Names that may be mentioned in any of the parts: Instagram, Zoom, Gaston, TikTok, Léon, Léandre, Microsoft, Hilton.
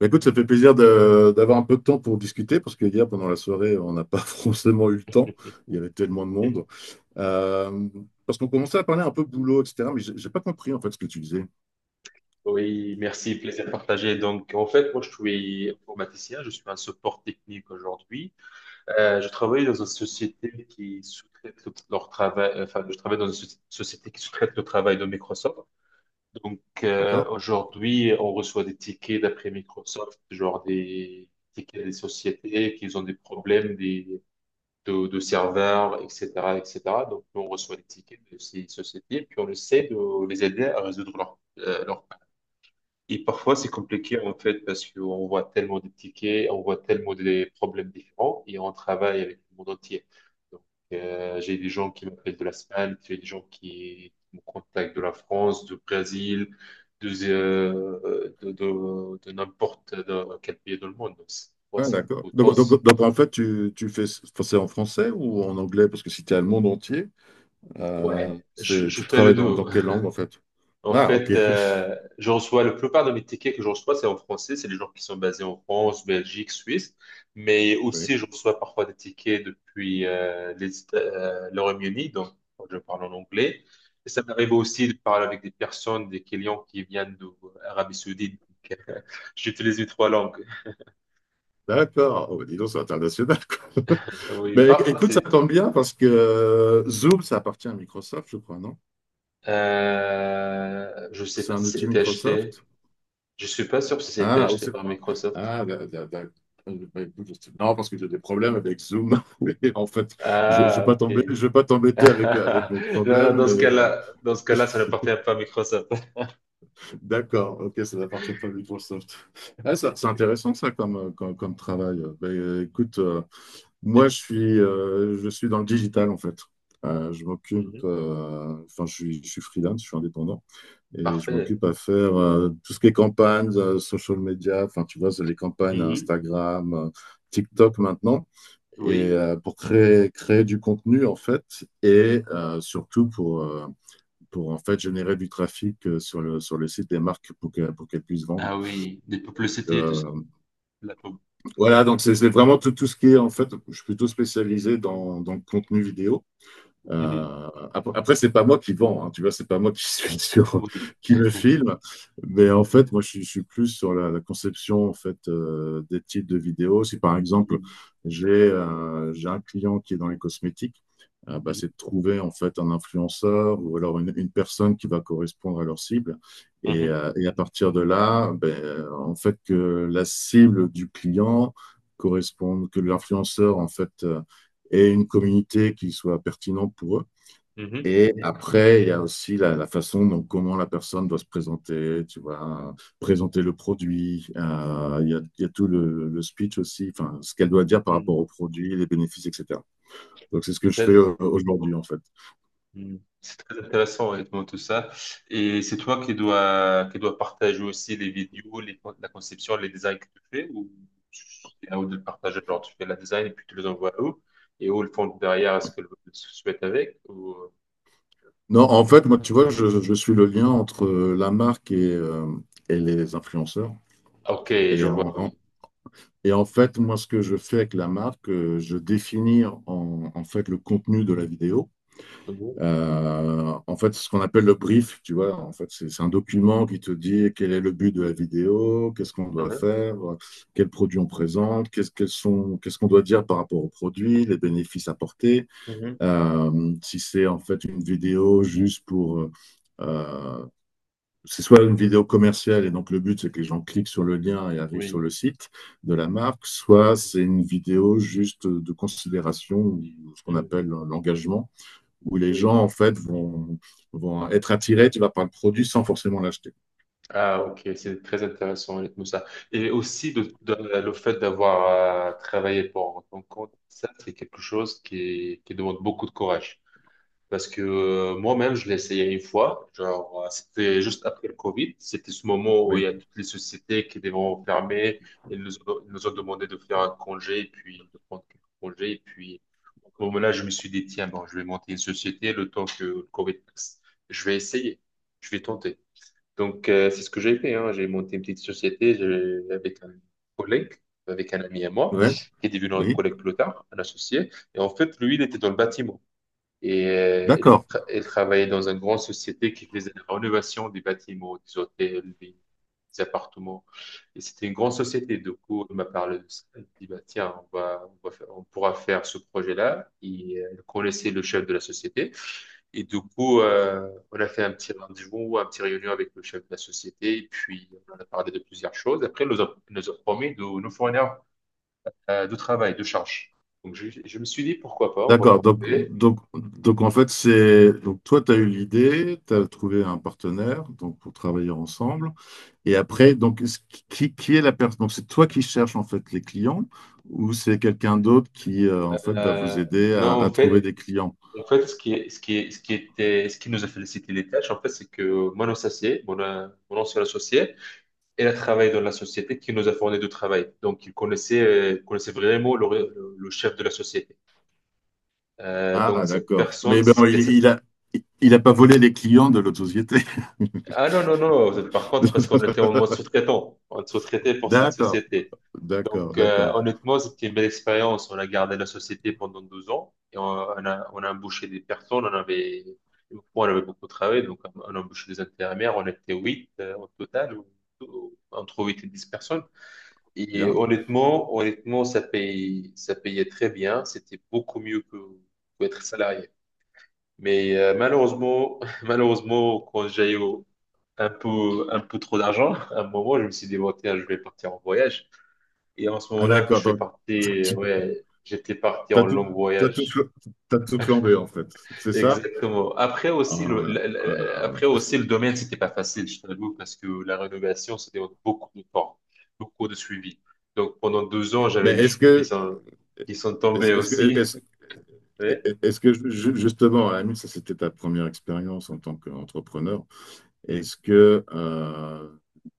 Bah, écoute, ça fait plaisir d'avoir un peu de temps pour discuter, parce que hier, pendant la soirée, on n'a pas forcément eu le temps. Il y avait tellement de monde. Euh, parce qu'on commençait à parler un peu boulot, etc. Mais j'ai pas compris, en fait, ce que tu disais. Oui, merci, plaisir partagé. Donc, en fait, moi, je suis informaticien, je suis un support technique aujourd'hui. Je travaille dans une société qui sous-traite leur travail, enfin, je travaille dans une société qui sous-traite le travail de Microsoft. Donc, D'accord? aujourd'hui, on reçoit des tickets d'après Microsoft, genre des tickets des sociétés qui ont des problèmes, de serveurs, etc. Donc, nous, on reçoit les tickets de ces sociétés, puis on essaie de les aider à résoudre leur. Et parfois, c'est compliqué, en fait, parce qu'on voit tellement de tickets, on voit tellement des problèmes différents, et on travaille avec le monde entier. Donc, j'ai des gens qui m'appellent de l'Espagne, j'ai des gens qui me contactent de la France, du Brésil, de n'importe dans quel pays dans le monde. Donc, c'est ouais, Ah, c'est un d'accord. peu tense. Donc, en fait, tu fais, enfin, c'est en français ou en anglais? Parce que si tu es à le monde entier, Ouais, je, c'est, je tu fais le travailles deux. dans quelle langue, en fait? En Ah, ok. fait, je reçois la plupart de mes tickets que je reçois, c'est en français. C'est les gens qui sont basés en France, Belgique, Suisse. Mais Oui. aussi, je reçois parfois des tickets depuis le Royaume-Uni, donc je parle en anglais. Et ça m'arrive aussi de parler avec des personnes, des clients qui viennent d'Arabie Saoudite. Donc, j'utilise les trois langues. D'accord. Oh, bah, dis donc, c'est international, quoi. Oui, Mais parfois, écoute, ça c'est. tombe bien, parce que Zoom, ça appartient à Microsoft, je crois, non? Je sais C'est pas un si outil c'était acheté. Microsoft? Je suis pas sûr si c'était Ah, au- acheté par Microsoft. ah d'a- d'a- d'a- bah, écoute, je sais- Non, parce que j'ai des problèmes avec Zoom. Et en fait, je ne vais Ah, pas ok. tomber, je vais pas t'embêter avec mes Non, non, problèmes, dans mais ce cas-là, dans ce cas-là, ça n'appartient pas à Microsoft. d'accord, ok, ça n'appartient pas à Microsoft. Ah, c'est intéressant, ça, comme travail. Ben, écoute, moi, Et- je suis dans le digital, en fait. Je m'occupe, Mhm. Enfin, je suis freelance, je suis indépendant. Et je Parfait. m'occupe à faire tout ce qui est campagne, social media, enfin, tu vois, c'est les campagnes Mhm. Instagram, TikTok maintenant, et Oui. Pour créer du contenu, en fait, et pour, en fait, générer du trafic sur le site des marques pour qu'elles puissent vendre. Ah oui, des publicités, tout ça. Euh, La pub. voilà, donc c'est vraiment tout, tout ce qui est, en fait, je suis plutôt spécialisé dans le contenu vidéo. Mhm. Euh, après, c'est pas moi qui vends, hein, tu vois, c'est pas moi qui suis sur, Oui. qui me filme, mais en fait, moi, je suis plus sur la, la conception en fait des types de vidéos. Si par exemple, Mhm. J'ai un client qui est dans les cosmétiques, bah, c'est de trouver en fait un influenceur ou alors une personne qui va correspondre à leur cible. Mhm. Et à partir de là, ben, en fait, que la cible du client corresponde, que l'influenceur en fait ait une communauté qui soit pertinente pour eux. Mhm. Et après, il y a aussi la façon dont comment la personne doit se présenter, tu vois, présenter le produit. Il y a tout le speech aussi, enfin, ce qu'elle doit dire par rapport Mhm. au produit, les bénéfices, etc. Donc, c'est ce que je fais Très- aujourd'hui, en fait. mhm. C'est très intéressant, honnêtement, tout ça. Et c'est toi qui dois partager aussi les vidéos, la conception, les designs que tu fais, ou c'est à eux de le partager, genre tu fais la design et puis tu les envoies à eux, et eux, ils font derrière ce qu'ils souhaitent avec, Non, en fait, moi, tu vois, je suis le lien entre la marque et les influenceurs. ok, je Et en, vois, en- oui. et en fait, moi, ce que je fais avec la marque, je définis en fait le contenu de la vidéo. Mhm, En fait, ce qu'on appelle le brief, tu vois, en fait, c'est un document qui te dit quel est le but de la vidéo, qu'est-ce qu'on doit mhm, faire, quels produits on présente, qu'est-ce qu'elles sont, qu'est-ce qu'on doit dire par rapport aux produits, les bénéfices apportés. mhm, Si c'est en fait une vidéo juste pour, euh, c'est soit une vidéo commerciale et donc le but c'est que les gens cliquent sur le lien et arrivent oui. sur le site de la marque, soit Mhm, c'est une vidéo juste de considération, ou ce qu'on mhm, appelle l'engagement où les gens, oui. en fait, vont être attirés, tu vas par le produit sans forcément l'acheter. Ah, ok, c'est très intéressant, honnêtement, ça. Et aussi, le fait d'avoir travaillé pour ton compte, ça, c'est quelque chose qui demande beaucoup de courage. Parce que moi-même, je l'ai essayé une fois. Genre, c'était juste après le Covid. C'était ce moment où il y Oui, a toutes les sociétés qui devront fermer. Ils nous ont demandé de faire un congé, et puis de prendre quelques congés. Et puis, au moment-là, je me suis dit, tiens, bon, je vais monter une société le temps que le Covid passe. Je vais essayer. Je vais tenter. Donc, c'est ce que j'ai fait. Hein. J'ai monté une petite société avec un collègue, avec un ami à moi, ouais, qui est devenu un oui. collègue plus tard, un associé. Et en fait, lui, il était dans le bâtiment. Et elle, D'accord, elle travaillait dans une grande société qui faisait la rénovation des bâtiments, des hôtels, des appartements. Et c'était une grande société. Du coup, elle m'a parlé de ça. Elle dit, bah, tiens, on pourra faire ce projet-là. Et elle connaissait le chef de la société. Et du coup, on a fait un petit rendez-vous, un petit réunion avec le chef de la société. Et puis, on en a parlé de plusieurs choses. Après, elle nous a promis de nous fournir de travail, de charge. Donc, je me suis dit, pourquoi pas, on va d'accord. Tenter. Donc, en fait, c'est. Donc, toi, tu as eu l'idée, tu as trouvé un partenaire donc, pour travailler ensemble. Et après, donc, qui est la personne? Donc, c'est toi qui cherches, en fait, les clients ou c'est quelqu'un d'autre qui, en fait, va vous Euh, aider non, à en trouver des fait, clients? en fait, ce qui, est- ce qui, est- ce qui était, ce qui nous a félicité les tâches, en fait, c'est que mon associé, mon ancien associé, il a travaillé dans la société qui nous a fourni du travail. Donc, il connaissait vraiment le chef de la société. Donc, Ah, cette d'accord. personne, Mais ben, si c'était cette. Il a pas volé les clients de l'autre société. Ah non, non, non, par contre, parce qu'on était en mode sous-traitant, on sous-traitait pour cette D'accord. société. D'accord, Donc, d'accord. honnêtement, c'était une belle expérience. On a gardé la société pendant 12 ans et on a embauché des personnes. On avait beaucoup travaillé, donc on a embauché des intérimaires. On était 8 au total, entre 8 et 10 personnes. Et Bien. honnêtement, ça payait très bien. C'était beaucoup mieux que être salarié. Mais malheureusement, malheureusement, quand j'ai eu un peu trop d'argent, à un moment, je me suis dit, bon, tiens, je vais partir en voyage. Et en ce Ah moment-là, je d'accord, suis donc parti, ouais, j'étais parti t'as en tout, long t'as tout, voyage. fl- t'as tout flambé en fait, c'est ça? Exactement. Après aussi, Ah, le, voilà. la- la- la- Ah, après aussi, le domaine, c'était pas facile, je t'avoue, parce que la rénovation, ça demande beaucoup de temps, beaucoup de suivi. Donc pendant 2 ans, j'avais mais mes cheveux qui sont, qui sont est-ce tombés est-ce que, aussi. est-ce Ouais. est-ce que justement, à la limite, ça c'était ta première expérience en tant qu'entrepreneur? Mhm. Est-ce que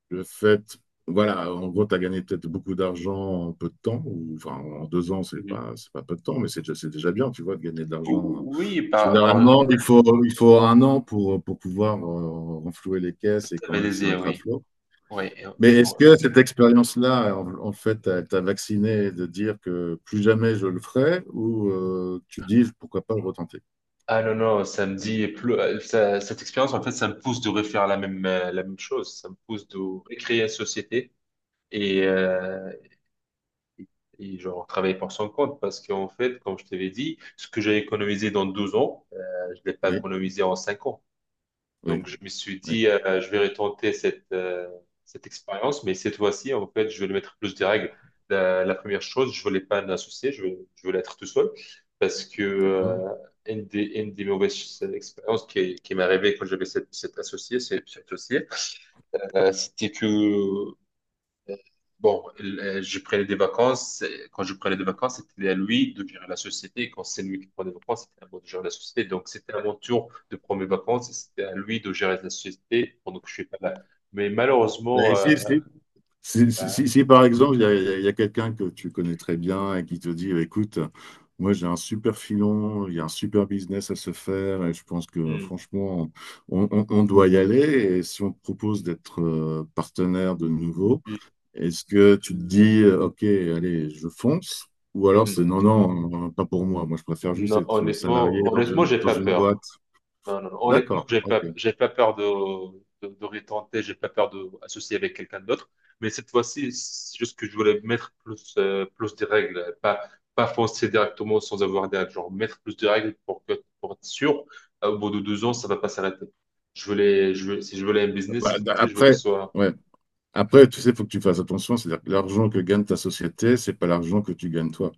le fait, voilà, en gros, tu as gagné peut-être beaucoup d'argent en peu de temps, ou enfin en deux ans, Mhm. C'est pas peu de temps, mais c'est déjà bien, tu vois, de gagner de l'argent. Oui, par Généralement, il faut un an pour pouvoir renflouer les caisses et quand même se stabilisé, mettre à oui. flot. Ouais. et- Mais est-ce que ouais. cette expérience-là, en fait, t'a vacciné de dire que plus jamais je le ferai, ou tu dis pourquoi pas le retenter? Ah non, non, ça me dit, pleu- ça- cette expérience, en fait, ça me pousse de refaire la même chose. Ça me pousse de recréer la société et, euh, et et genre travailler pour son compte parce qu'en fait, comme je t'avais dit, ce que j'ai économisé dans 12 ans, je ne l'ai pas Oui, économisé en 5 ans. oui, Donc, je me suis oui, dit, je vais retenter cette expérience, mais cette fois-ci, en fait, je vais lui mettre plus de règles. La première chose, je voulais pas un associé, je voulais être tout seul parce que d'accord. Une des mauvaises expériences qui m'est arrivée quand j'avais cette associée, c'était que bon, j'ai pris des vacances. Et quand je prenais des vacances, c'était à lui de gérer la société. Et quand c'est lui qui prend des vacances, c'était à moi de gérer la société. Donc, c'était à mon tour de prendre mes vacances. Et c'était à lui de gérer la société pendant que je suis pas là. Mais malheureusement, Mais si, si, euh, Si, par exemple, il y a quelqu'un que tu connais très bien et qui te dit, écoute, moi j'ai un super filon, il y a un super business à se faire et je pense que hum, franchement, on doit y aller. Et si on te propose d'être partenaire de nouveau, est-ce que tu te dis, OK, allez, je fonce? Ou alors hum. c'est non, non, pas pour moi. Moi, je préfère juste Non, être salarié honnêtement, dans honnêtement, j'ai dans pas une boîte. peur. Non, non, non. Honnêtement, D'accord, j'ai pas, OK. j'ai pas peur de, retenter, j'ai pas peur de associer avec quelqu'un d'autre. Mais cette fois-ci, c'est juste que je voulais mettre plus des règles, pas foncer directement sans avoir des règles. Genre, mettre plus de règles pour être sûr, au bout de 2 ans, ça va pas s'arrêter. Je veux, si je voulais un business, cette Bah, d- fois-ci, je veux que ce après, soit ouais. Après, tu sais, il faut que tu fasses attention, c'est-à-dire que l'argent que gagne ta société, c'est pas l'argent que tu gagnes toi.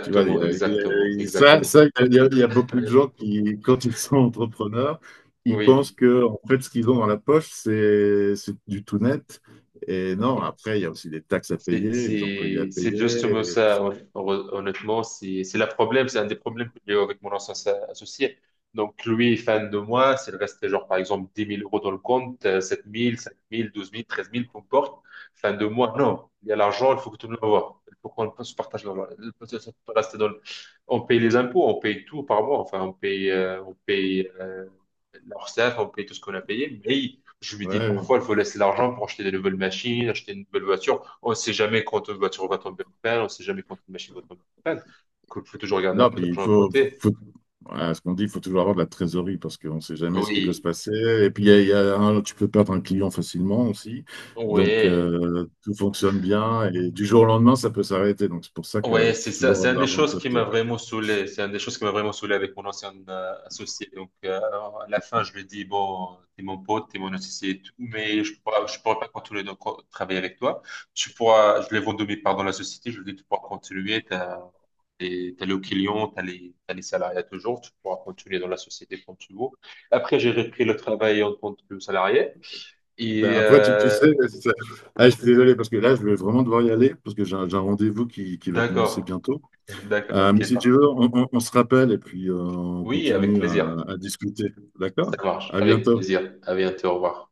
Tu vois, exactement, il y a- ça, exactement. ça, il y a beaucoup de gens qui, quand ils sont entrepreneurs, ils pensent Oui. que, en fait, ce qu'ils ont dans la poche, c'est du tout net. Et non, après, il y a aussi des taxes à C'est payer, les employés à c'est- c'est payer. justement Et- ça, honnêtement. C'est le problème, c'est un des problèmes que j'ai eu avec mon ancien associé. Donc, lui est fan de moi. S'il restait, genre, par exemple, 10 000 euros dans le compte, 7 000, 5 000, 12 000, 13 000, peu importe, fan de moi, non. Il y a l'argent, il faut que tout le monde voit. Il faut qu'on se partage l'argent. Il faut que ça peut rester dans le- On paye les impôts, on paye tout par mois. Enfin, on paye l'Orsaf, on paye tout ce qu'on a payé. Mais je me dis, ouais. parfois, il faut laisser l'argent pour acheter des nouvelles machines, acheter une nouvelle voiture. On sait jamais quand une voiture va tomber en panne, on sait jamais quand une machine va tomber en panne. Il faut toujours garder un Non, peu puis il d'argent à faut, côté. faut- Voilà, ce qu'on dit, il faut toujours avoir de la trésorerie parce qu'on ne sait jamais ce qui peut se Oui, passer. Et puis, il y a tu peux perdre un client facilement aussi. Donc, oui. Tout fonctionne bien et du jour au lendemain, ça peut s'arrêter. Donc, c'est pour ça Ouais, qu'il c'est faut ça. toujours C'est avoir une de des l'argent de choses qui côté. m'a Quoi. vraiment saoulé. C'est une des choses qui m'a vraiment saoulé avec mon ancien associé. Donc, à la fin, je lui ai dit, bon, t'es mon pote, t'es mon associé et tout, mais je pourrais pas continuer de travailler avec toi. Je l'ai vendu mes parts dans la société. Je lui ai dit, tu pourras continuer. T'as le client, t'as les salariés toujours. Tu pourras continuer dans la société quand tu veux. Après, j'ai repris le travail en tant que salarié. Ben, Et, après, tu euh, sais, ah, je suis désolé parce que là, je vais vraiment devoir y aller parce que j'ai un rendez-vous qui va commencer d'accord. bientôt. D'accord. Mais OK, si tu parfait. veux, on se rappelle et puis on Oui, avec continue plaisir. à discuter. D'accord? Ça marche. À Avec bientôt. plaisir. À bientôt. Au revoir.